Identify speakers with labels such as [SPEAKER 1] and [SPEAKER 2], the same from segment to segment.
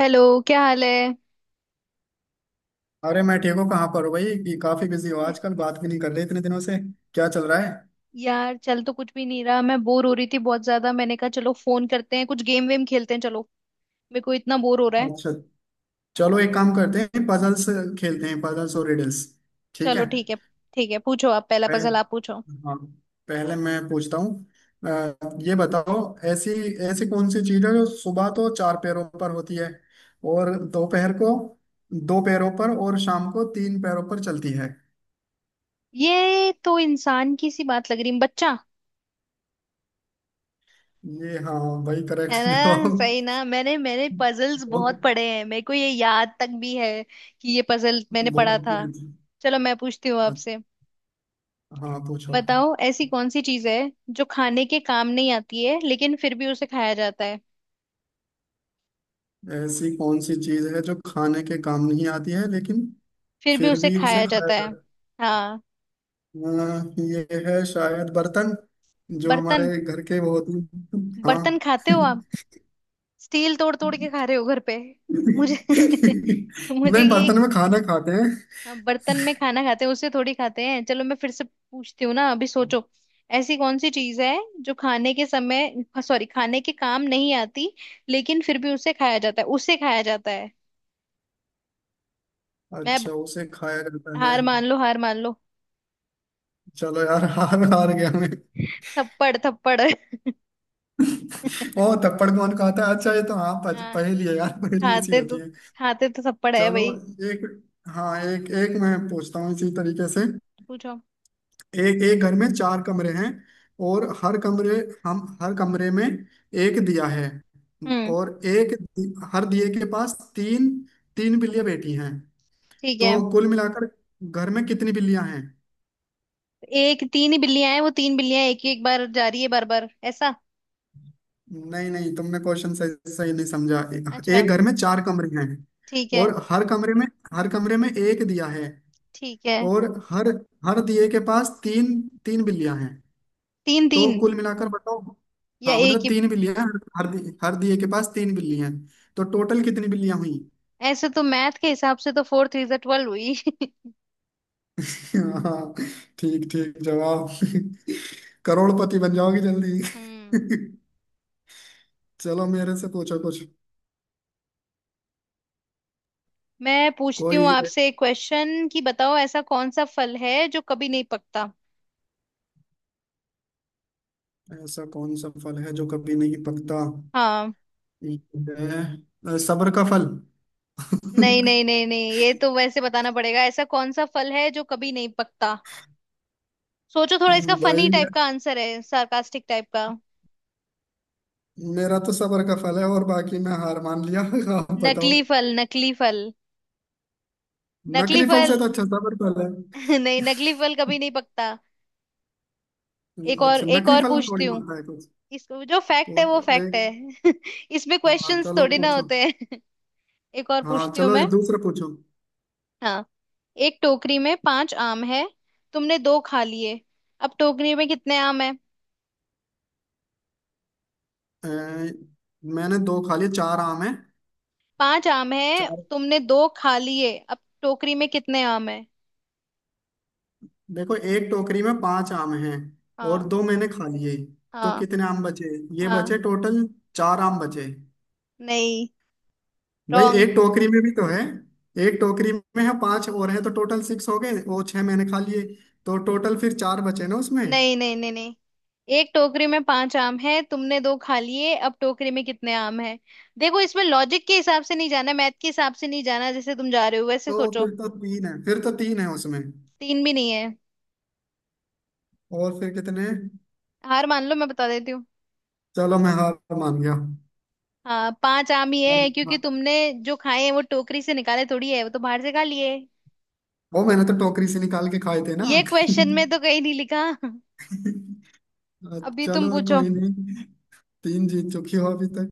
[SPEAKER 1] Hello. क्या हाल है।
[SPEAKER 2] अरे, मैं ठीक हूँ। कहाँ पर हो भाई? कि काफी बिजी हो आजकल, बात भी नहीं कर रहे इतने दिनों से। क्या चल रहा है?
[SPEAKER 1] यार चल तो कुछ भी नहीं रहा, मैं बोर हो रही थी बहुत ज्यादा। मैंने कहा चलो फोन करते हैं, कुछ गेम वेम खेलते हैं। चलो मेरे को इतना बोर हो रहा है।
[SPEAKER 2] अच्छा। चलो, एक काम करते हैं, पजल्स खेलते हैं, पजल्स और रिडल्स। ठीक
[SPEAKER 1] चलो
[SPEAKER 2] है।
[SPEAKER 1] ठीक है। ठीक है पूछो, आप पहला
[SPEAKER 2] पह-
[SPEAKER 1] पजल आप पूछो।
[SPEAKER 2] हाँ, पहले मैं पूछता हूँ। अ, ये बताओ, ऐसी ऐसी कौन सी चीज है जो सुबह तो चार पैरों पर होती है, और दोपहर को दो पैरों पर, और शाम को तीन पैरों पर चलती है?
[SPEAKER 1] ये तो इंसान की सी बात लग रही है बच्चा।
[SPEAKER 2] ये, हाँ, वही
[SPEAKER 1] है
[SPEAKER 2] करेक्ट
[SPEAKER 1] ना
[SPEAKER 2] जवाब।
[SPEAKER 1] सही ना, मैंने मैंने पजल्स
[SPEAKER 2] बहुत
[SPEAKER 1] बहुत पढ़े हैं, मेरे को ये याद तक भी है कि ये पजल मैंने पढ़ा
[SPEAKER 2] बहुत।
[SPEAKER 1] था। चलो मैं पूछती हूँ आपसे।
[SPEAKER 2] हाँ पूछो।
[SPEAKER 1] बताओ ऐसी कौन सी चीज है जो खाने के काम नहीं आती है लेकिन फिर भी उसे खाया जाता है।
[SPEAKER 2] ऐसी कौन सी चीज है जो खाने के काम नहीं आती है लेकिन
[SPEAKER 1] फिर भी
[SPEAKER 2] फिर
[SPEAKER 1] उसे
[SPEAKER 2] भी उसे
[SPEAKER 1] खाया
[SPEAKER 2] खाया
[SPEAKER 1] जाता है।
[SPEAKER 2] जाता है?
[SPEAKER 1] हाँ।
[SPEAKER 2] ये है शायद बर्तन, जो
[SPEAKER 1] बर्तन।
[SPEAKER 2] हमारे घर के वो होते हैं।
[SPEAKER 1] बर्तन
[SPEAKER 2] हाँ।
[SPEAKER 1] खाते हो आप। स्टील तोड़ तोड़ के खा रहे हो घर पे। मुझे मुझे
[SPEAKER 2] नहीं,
[SPEAKER 1] ये
[SPEAKER 2] बर्तन में खाना खाते हैं।
[SPEAKER 1] बर्तन में खाना खाते हैं उसे थोड़ी खाते हैं। चलो मैं फिर से पूछती हूँ ना, अभी सोचो। ऐसी कौन सी चीज है जो खाने के समय, सॉरी, खाने के काम नहीं आती लेकिन फिर भी उसे खाया जाता है, उसे खाया जाता है। मैं अब-
[SPEAKER 2] अच्छा, उसे खाया जाता है।
[SPEAKER 1] हार मान लो, हार मान लो।
[SPEAKER 2] चलो यार, हार हार गया मैं।
[SPEAKER 1] थप्पड़, थप्पड़
[SPEAKER 2] ओ, थप्पड़ कौन खाता है? अच्छा, ये तो हाँ,
[SPEAKER 1] हाँ
[SPEAKER 2] पहेली है यार, पहेली ऐसी
[SPEAKER 1] खाते
[SPEAKER 2] होती
[SPEAKER 1] तो,
[SPEAKER 2] है।
[SPEAKER 1] खाते तो थप्पड़ है
[SPEAKER 2] चलो,
[SPEAKER 1] भाई।
[SPEAKER 2] एक, हाँ, एक एक मैं पूछता हूँ इसी तरीके से।
[SPEAKER 1] पूछो।
[SPEAKER 2] एक एक घर में चार कमरे हैं, और हर कमरे में एक दिया है।
[SPEAKER 1] हम्म।
[SPEAKER 2] और हर दिए के पास तीन तीन बिल्लियां बैठी हैं।
[SPEAKER 1] ठीक
[SPEAKER 2] तो
[SPEAKER 1] है।
[SPEAKER 2] कुल मिलाकर घर में कितनी बिल्लियां हैं?
[SPEAKER 1] एक तीन ही बिल्लियां हैं, वो तीन बिल्लियां एक ही एक बार जा रही है बार बार ऐसा।
[SPEAKER 2] नहीं नहीं, तुमने क्वेश्चन सही सही नहीं समझा।
[SPEAKER 1] अच्छा
[SPEAKER 2] एक घर में चार कमरे हैं,
[SPEAKER 1] ठीक है।
[SPEAKER 2] और हर कमरे में एक दिया है।
[SPEAKER 1] ठीक है।
[SPEAKER 2] और हर हर दिए के पास तीन तीन बिल्लियां हैं।
[SPEAKER 1] तीन
[SPEAKER 2] तो
[SPEAKER 1] तीन
[SPEAKER 2] कुल मिलाकर बताओ।
[SPEAKER 1] या
[SPEAKER 2] हाँ
[SPEAKER 1] एक
[SPEAKER 2] मतलब
[SPEAKER 1] ही।
[SPEAKER 2] तीन बिल्लियां, हर हर दिए के पास तीन बिल्लियां हैं। तो टोटल कितनी बिल्लियां हुई?
[SPEAKER 1] ऐसे तो मैथ के हिसाब से तो फोर थ्री 12 हुई
[SPEAKER 2] हाँ, ठीक ठीक जवाब। करोड़पति बन जाओगी जल्दी।
[SPEAKER 1] हम्म।
[SPEAKER 2] चलो मेरे से पूछो कुछ।
[SPEAKER 1] मैं पूछती हूँ
[SPEAKER 2] कोई
[SPEAKER 1] आपसे एक क्वेश्चन कि बताओ ऐसा कौन सा फल है जो कभी नहीं पकता।
[SPEAKER 2] ऐसा कौन सा फल है जो कभी नहीं पकता?
[SPEAKER 1] हाँ।
[SPEAKER 2] ये है सबर का फल।
[SPEAKER 1] नहीं नहीं नहीं नहीं, ये तो वैसे बताना पड़ेगा। ऐसा कौन सा फल है जो कभी नहीं पकता। सोचो थोड़ा, इसका
[SPEAKER 2] भाई,
[SPEAKER 1] फनी टाइप का आंसर है, सार्कास्टिक टाइप का।
[SPEAKER 2] मेरा तो सबर का फल है, और बाकी मैं हार मान लिया। आप बताओ।
[SPEAKER 1] नकली फल, नकली फल। नकली
[SPEAKER 2] नकली फल
[SPEAKER 1] फल।
[SPEAKER 2] से तो अच्छा सबर फल है।
[SPEAKER 1] नहीं, नकली फल कभी नहीं पकता। एक और,
[SPEAKER 2] अच्छा,
[SPEAKER 1] एक
[SPEAKER 2] नकली
[SPEAKER 1] और
[SPEAKER 2] फल
[SPEAKER 1] पूछती
[SPEAKER 2] थोड़ी
[SPEAKER 1] हूँ।
[SPEAKER 2] होता है।
[SPEAKER 1] इसको जो फैक्ट है
[SPEAKER 2] पूछ
[SPEAKER 1] वो फैक्ट
[SPEAKER 2] एक,
[SPEAKER 1] है इसमें
[SPEAKER 2] हाँ
[SPEAKER 1] क्वेश्चंस
[SPEAKER 2] चलो
[SPEAKER 1] थोड़ी ना
[SPEAKER 2] पूछो।
[SPEAKER 1] होते हैं। एक और
[SPEAKER 2] हाँ
[SPEAKER 1] पूछती हूँ
[SPEAKER 2] चलो ये
[SPEAKER 1] मैं।
[SPEAKER 2] दूसरा पूछो।
[SPEAKER 1] हाँ। एक टोकरी में पांच आम है, तुमने दो खा लिए, अब टोकरी में कितने आम है।
[SPEAKER 2] अ, मैंने दो खा लिए, चार आम हैं।
[SPEAKER 1] पांच आम है,
[SPEAKER 2] चार।
[SPEAKER 1] तुमने दो खा लिए, अब टोकरी में कितने आम है।
[SPEAKER 2] देखो, एक टोकरी में पांच आम हैं, और
[SPEAKER 1] हाँ।
[SPEAKER 2] दो मैंने खा लिए, तो
[SPEAKER 1] हाँ।
[SPEAKER 2] कितने आम बचे? ये
[SPEAKER 1] हाँ।
[SPEAKER 2] बचे टोटल, चार आम बचे।
[SPEAKER 1] नहीं।
[SPEAKER 2] भाई,
[SPEAKER 1] रॉन्ग।
[SPEAKER 2] एक टोकरी में भी तो है। एक टोकरी में है पांच और है, तो टोटल सिक्स हो गए, वो छह मैंने खा लिए। तो टोटल फिर चार बचे ना उसमें।
[SPEAKER 1] नहीं नहीं नहीं नहीं। एक टोकरी में पांच आम है, तुमने दो खा लिए, अब टोकरी में कितने आम है। देखो इसमें लॉजिक के हिसाब से नहीं जाना, मैथ के हिसाब से नहीं जाना, जैसे तुम जा रहे हो वैसे
[SPEAKER 2] तो
[SPEAKER 1] सोचो।
[SPEAKER 2] फिर तो तीन है फिर तो तीन है उसमें।
[SPEAKER 1] तीन भी नहीं है।
[SPEAKER 2] और फिर कितने?
[SPEAKER 1] हार मान लो, मैं बता देती हूँ।
[SPEAKER 2] चलो मैं हार मान
[SPEAKER 1] हाँ, पांच आम ही है क्योंकि
[SPEAKER 2] गया।
[SPEAKER 1] तुमने जो खाए हैं वो टोकरी से निकाले थोड़ी है, वो तो बाहर से खा लिए।
[SPEAKER 2] वो मैंने तो टोकरी से निकाल के खाए थे ना।
[SPEAKER 1] ये क्वेश्चन में तो कहीं नहीं लिखा अभी तुम
[SPEAKER 2] चलो
[SPEAKER 1] पूछो।
[SPEAKER 2] कोई नहीं, तीन जीत चुकी हो अभी तक।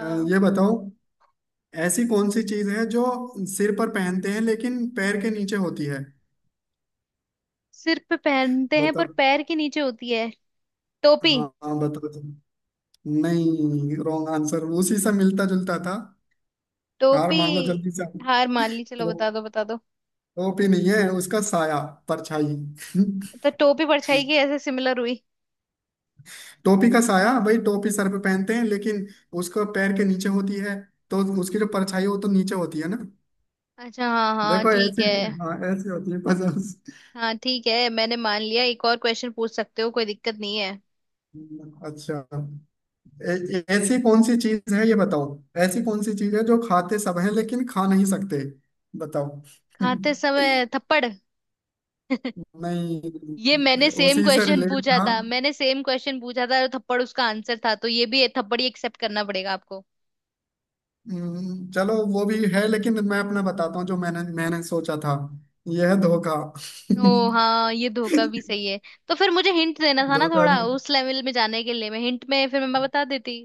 [SPEAKER 2] अ, ये बताओ, ऐसी कौन सी चीज है जो सिर पर पहनते हैं लेकिन पैर के नीचे होती है?
[SPEAKER 1] सिर पे पहनते हैं पर
[SPEAKER 2] बताओ।
[SPEAKER 1] पैर के नीचे होती है। टोपी।
[SPEAKER 2] हाँ हाँ, बताओ तुम। नहीं, रॉन्ग आंसर उसी से मिलता जुलता था। हार
[SPEAKER 1] टोपी।
[SPEAKER 2] मान लो जल्दी से।
[SPEAKER 1] हार मान ली, चलो
[SPEAKER 2] तो
[SPEAKER 1] बता दो, बता दो।
[SPEAKER 2] टोपी नहीं है, उसका साया, परछाई।
[SPEAKER 1] तो टोपी परछाई की ऐसे सिमिलर हुई।
[SPEAKER 2] टोपी का साया, भाई टोपी सर पे पहनते हैं लेकिन उसका पैर के नीचे होती है। तो उसकी जो परछाई है, वो तो नीचे होती है ना।
[SPEAKER 1] अच्छा हाँ हाँ
[SPEAKER 2] देखो
[SPEAKER 1] ठीक
[SPEAKER 2] ऐसी,
[SPEAKER 1] है।
[SPEAKER 2] हाँ, ऐसी होती है पजल्स।
[SPEAKER 1] हाँ ठीक है, मैंने मान लिया। एक और क्वेश्चन पूछ सकते हो, कोई दिक्कत नहीं है।
[SPEAKER 2] अच्छा, ऐसी कौन सी चीज है, ये बताओ। ऐसी कौन सी चीज है जो खाते सब हैं लेकिन खा नहीं सकते? बताओ।
[SPEAKER 1] खाते समय थप्पड़।
[SPEAKER 2] नहीं,
[SPEAKER 1] ये मैंने सेम
[SPEAKER 2] उसी से
[SPEAKER 1] क्वेश्चन
[SPEAKER 2] रिलेट
[SPEAKER 1] पूछा
[SPEAKER 2] था।
[SPEAKER 1] था, मैंने सेम क्वेश्चन पूछा था और थप्पड़ उसका आंसर था, तो ये भी थप्पड़ ही एक्सेप्ट करना पड़ेगा आपको।
[SPEAKER 2] चलो वो भी है, लेकिन मैं अपना बताता हूँ जो मैंने मैंने सोचा था। यह है धोखा।
[SPEAKER 1] ओ हाँ, ये धोखा भी सही है। तो फिर मुझे हिंट देना था ना
[SPEAKER 2] धोखा
[SPEAKER 1] थोड़ा,
[SPEAKER 2] भी,
[SPEAKER 1] उस लेवल में जाने के लिए, मैं हिंट में फिर मैं बता देती।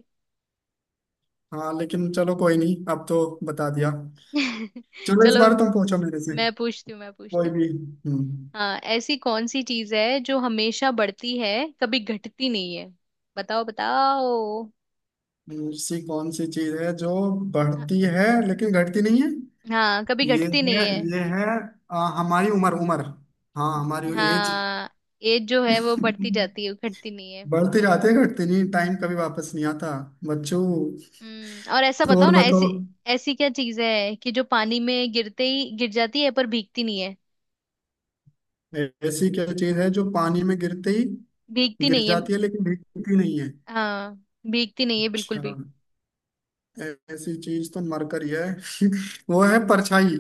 [SPEAKER 2] हाँ, लेकिन चलो कोई नहीं, अब तो बता दिया। चलो इस
[SPEAKER 1] चलो
[SPEAKER 2] बार तुम पूछो मेरे से।
[SPEAKER 1] मैं पूछती हूँ, मैं पूछती
[SPEAKER 2] कोई
[SPEAKER 1] हूँ।
[SPEAKER 2] भी। हम्म।
[SPEAKER 1] हाँ, ऐसी कौन सी चीज है जो हमेशा बढ़ती है, कभी घटती नहीं है। बताओ, बताओ।
[SPEAKER 2] ऐसी कौन सी चीज है जो बढ़ती है लेकिन घटती नहीं है?
[SPEAKER 1] हाँ, कभी
[SPEAKER 2] ये
[SPEAKER 1] घटती नहीं
[SPEAKER 2] है,
[SPEAKER 1] है।
[SPEAKER 2] ये है, हमारी उम्र, उम्र। हाँ हमारी एज।
[SPEAKER 1] हाँ, एज जो है वो बढ़ती जाती है, घटती नहीं है।
[SPEAKER 2] बढ़ती जाती है, घटती नहीं। टाइम कभी वापस नहीं आता बच्चों।
[SPEAKER 1] हम्म, और ऐसा बताओ
[SPEAKER 2] और
[SPEAKER 1] ना। ऐसी
[SPEAKER 2] बताओ।
[SPEAKER 1] ऐसी क्या चीज है कि जो पानी में गिरते ही गिर जाती है पर भीगती नहीं है।
[SPEAKER 2] ऐसी क्या चीज है जो पानी में गिरते ही
[SPEAKER 1] भीगती
[SPEAKER 2] गिर
[SPEAKER 1] नहीं है।
[SPEAKER 2] जाती है लेकिन भीगती नहीं है?
[SPEAKER 1] हाँ, भीगती नहीं है बिल्कुल
[SPEAKER 2] अच्छा,
[SPEAKER 1] भी।
[SPEAKER 2] ऐसी चीज तो मरकरी है। वो है परछाई।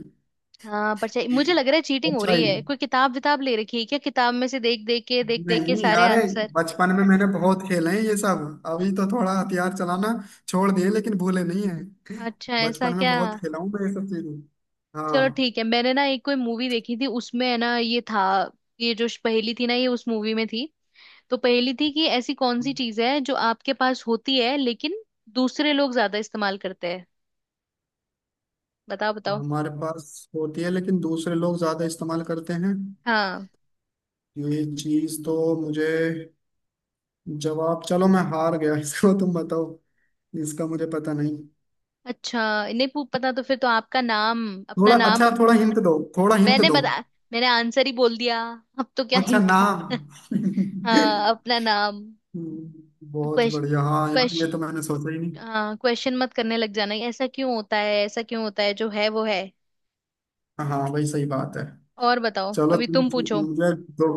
[SPEAKER 1] हाँ परछाई। मुझे लग रहा है चीटिंग हो रही
[SPEAKER 2] परछाई,
[SPEAKER 1] है, कोई किताब विताब ले रखी है क्या, किताब में से देख देख के, देख देख के
[SPEAKER 2] नहीं
[SPEAKER 1] सारे
[SPEAKER 2] अरे,
[SPEAKER 1] आंसर।
[SPEAKER 2] बचपन में मैंने बहुत खेले हैं ये सब। अभी तो थोड़ा हथियार चलाना छोड़ दिए लेकिन भूले नहीं है।
[SPEAKER 1] अच्छा ऐसा
[SPEAKER 2] बचपन में
[SPEAKER 1] क्या।
[SPEAKER 2] बहुत खेला हूँ मैं ये सब चीजें।
[SPEAKER 1] चलो
[SPEAKER 2] हाँ,
[SPEAKER 1] ठीक है, मैंने ना एक कोई मूवी देखी थी उसमें है ना ये था, ये जो पहेली थी ना ये उस मूवी में थी। तो पहेली थी कि ऐसी कौन सी चीज है जो आपके पास होती है लेकिन दूसरे लोग ज्यादा इस्तेमाल करते हैं। बताओ, बताओ।
[SPEAKER 2] हमारे पास होती है लेकिन दूसरे लोग ज्यादा इस्तेमाल करते हैं।
[SPEAKER 1] हाँ।
[SPEAKER 2] ये चीज तो मुझे, जवाब, चलो मैं हार गया, इसको तुम बताओ। इसका मुझे पता नहीं।
[SPEAKER 1] अच्छा। नहीं पू- पता तो फिर तो आपका नाम, अपना
[SPEAKER 2] थोड़ा,
[SPEAKER 1] नाम
[SPEAKER 2] अच्छा,
[SPEAKER 1] अपने।
[SPEAKER 2] थोड़ा हिंट दो, थोड़ा हिंट
[SPEAKER 1] मैंने
[SPEAKER 2] दो।
[SPEAKER 1] बता मैंने आंसर ही बोल दिया, अब तो क्या
[SPEAKER 2] अच्छा,
[SPEAKER 1] हिंट है
[SPEAKER 2] नाम।
[SPEAKER 1] हाँ अपना नाम।
[SPEAKER 2] बहुत
[SPEAKER 1] क्वेश्चन,
[SPEAKER 2] बढ़िया, हाँ यार, ये तो
[SPEAKER 1] क्वेश्चन।
[SPEAKER 2] मैंने सोचा ही नहीं।
[SPEAKER 1] हाँ क्वेश्चन मत करने लग जाना, ऐसा क्यों होता है, ऐसा क्यों होता है। जो है वो है।
[SPEAKER 2] हाँ भाई, सही बात है।
[SPEAKER 1] और बताओ,
[SPEAKER 2] चलो
[SPEAKER 1] अभी
[SPEAKER 2] तुम,
[SPEAKER 1] तुम पूछो।
[SPEAKER 2] मुझे तो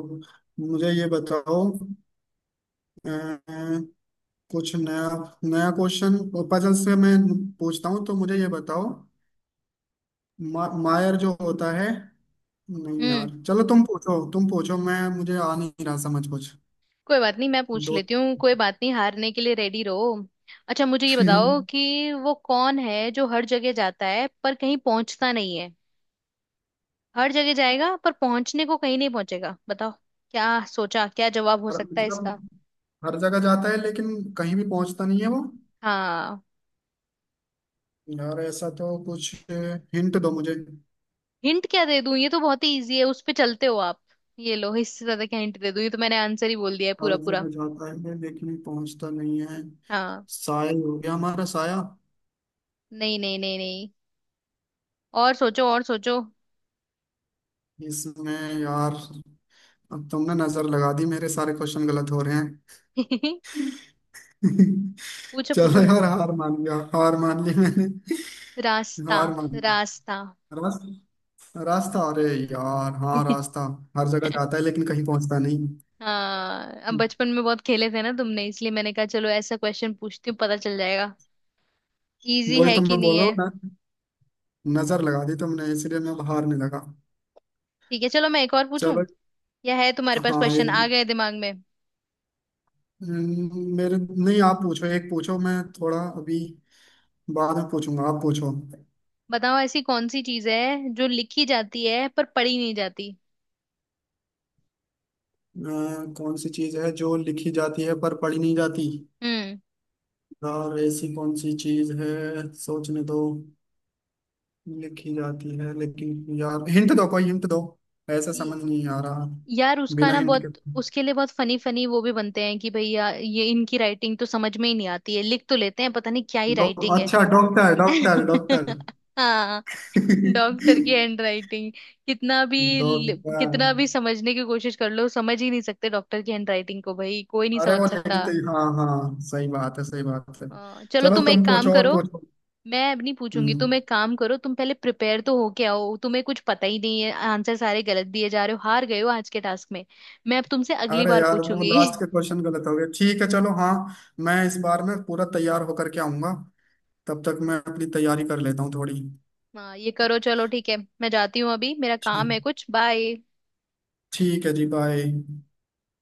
[SPEAKER 2] मुझे ये बताओ, अ, कुछ नया, नया क्वेश्चन पजल से मैं पूछता हूँ, तो मुझे ये बताओ, मायर जो होता है, नहीं
[SPEAKER 1] हम्म।
[SPEAKER 2] यार, चलो तुम पूछो, तुम पूछो, मैं, मुझे आ नहीं रहा समझ कुछ।
[SPEAKER 1] कोई बात नहीं मैं पूछ
[SPEAKER 2] दो।
[SPEAKER 1] लेती हूँ। कोई बात नहीं, हारने के लिए रेडी रहो। अच्छा मुझे ये
[SPEAKER 2] हर
[SPEAKER 1] बताओ कि वो कौन है जो हर जगह जाता है पर कहीं पहुंचता नहीं है। हर जगह जाएगा पर पहुंचने को कहीं नहीं पहुंचेगा। बताओ। क्या सोचा, क्या जवाब हो सकता है इसका।
[SPEAKER 2] मतलब, हर जगह जाता है लेकिन कहीं भी पहुंचता नहीं है वो?
[SPEAKER 1] हाँ।
[SPEAKER 2] यार, ऐसा तो कुछ, हिंट दो मुझे।
[SPEAKER 1] हिंट क्या दे दूं, ये तो बहुत ही इजी है, उस पे चलते हो आप। ये लो इससे ज्यादा क्या हिंट दे दूं, ये तो मैंने आंसर ही बोल दिया है पूरा
[SPEAKER 2] हर
[SPEAKER 1] पूरा।
[SPEAKER 2] जगह जाता है लेकिन पहुंचता नहीं है।
[SPEAKER 1] हाँ।
[SPEAKER 2] साया, हो गया, हमारा साया।
[SPEAKER 1] नहीं नहीं नहीं नहीं। और सोचो, और सोचो।
[SPEAKER 2] इसमें, यार, अब तुमने नजर लगा दी, मेरे सारे क्वेश्चन गलत हो रहे हैं।
[SPEAKER 1] पूछो, पूछो।
[SPEAKER 2] चलो यार, हार मान गया, हार मान ली मैंने।
[SPEAKER 1] रास्ता।
[SPEAKER 2] हार मान ली।
[SPEAKER 1] रास्ता।
[SPEAKER 2] रास्ता, रास्ता अरे यार, हाँ, रास्ता। हर जगह जाता है लेकिन कहीं पहुंचता नहीं।
[SPEAKER 1] हाँ, अब बचपन में बहुत खेले थे ना तुमने, इसलिए मैंने कहा चलो ऐसा क्वेश्चन पूछती हूँ, पता चल जाएगा इजी
[SPEAKER 2] वही
[SPEAKER 1] है
[SPEAKER 2] तो
[SPEAKER 1] कि
[SPEAKER 2] मैं
[SPEAKER 1] नहीं
[SPEAKER 2] बोल रहा
[SPEAKER 1] है।
[SPEAKER 2] हूँ ना, नजर लगा दी तुमने, इसलिए मैं अब हारने लगा।
[SPEAKER 1] ठीक है, चलो मैं एक और पूछूं।
[SPEAKER 2] चलो,
[SPEAKER 1] या है तुम्हारे पास
[SPEAKER 2] हाँ
[SPEAKER 1] क्वेश्चन आ
[SPEAKER 2] एक,
[SPEAKER 1] गए दिमाग में।
[SPEAKER 2] मेरे नहीं, आप पूछो, एक पूछो, मैं थोड़ा अभी, बाद में पूछूंगा, आप पूछो।
[SPEAKER 1] बताओ ऐसी कौन सी चीज है जो लिखी जाती है पर पढ़ी नहीं जाती।
[SPEAKER 2] कौन सी चीज है जो लिखी जाती है पर पढ़ी नहीं जाती?
[SPEAKER 1] हम्म।
[SPEAKER 2] यार, ऐसी कौन सी चीज है, सोचने दो। लिखी जाती है, लेकिन, यार हिंट दो, कोई हिंट दो। ऐसा
[SPEAKER 1] ये-
[SPEAKER 2] समझ नहीं आ रहा।
[SPEAKER 1] यार उसका
[SPEAKER 2] बिना
[SPEAKER 1] ना,
[SPEAKER 2] हिंट के।
[SPEAKER 1] बहुत उसके लिए बहुत फनी फनी वो भी बनते हैं कि भैया ये इनकी राइटिंग तो समझ में ही नहीं आती है, लिख तो लेते हैं पता नहीं क्या ही
[SPEAKER 2] डॉ
[SPEAKER 1] राइटिंग है।
[SPEAKER 2] अच्छा, डॉक्टर, डॉक्टर डॉक्टर
[SPEAKER 1] हाँ, डॉक्टर की हैंड राइटिंग।
[SPEAKER 2] डॉक्टर।
[SPEAKER 1] कितना भी समझने की कोशिश कर लो समझ ही नहीं सकते, डॉक्टर की हैंड राइटिंग को भाई कोई नहीं
[SPEAKER 2] अरे
[SPEAKER 1] समझ
[SPEAKER 2] वो
[SPEAKER 1] सकता।
[SPEAKER 2] लिखते ही, हाँ हाँ, सही बात है, सही बात है।
[SPEAKER 1] चलो
[SPEAKER 2] चलो
[SPEAKER 1] तुम एक
[SPEAKER 2] तुम
[SPEAKER 1] काम
[SPEAKER 2] पूछो, और
[SPEAKER 1] करो।
[SPEAKER 2] पूछो।
[SPEAKER 1] मैं अब नहीं पूछूंगी, तुम
[SPEAKER 2] हम्म।
[SPEAKER 1] एक काम करो, तुम पहले प्रिपेयर तो हो के आओ। तुम्हें कुछ पता ही नहीं है, आंसर सारे गलत दिए जा रहे हो, हार गए हो आज के टास्क में। मैं अब तुमसे अगली
[SPEAKER 2] अरे
[SPEAKER 1] बार
[SPEAKER 2] यार वो
[SPEAKER 1] पूछूंगी।
[SPEAKER 2] लास्ट के क्वेश्चन गलत हो गए, ठीक है, चलो हाँ, मैं इस बार में पूरा तैयार होकर के आऊंगा। तब तक मैं अपनी तैयारी कर लेता हूँ थोड़ी।
[SPEAKER 1] हाँ ये करो। चलो ठीक है, मैं जाती हूँ अभी, मेरा
[SPEAKER 2] ठीक,
[SPEAKER 1] काम है कुछ। बाय।
[SPEAKER 2] ठीक है जी, बाय।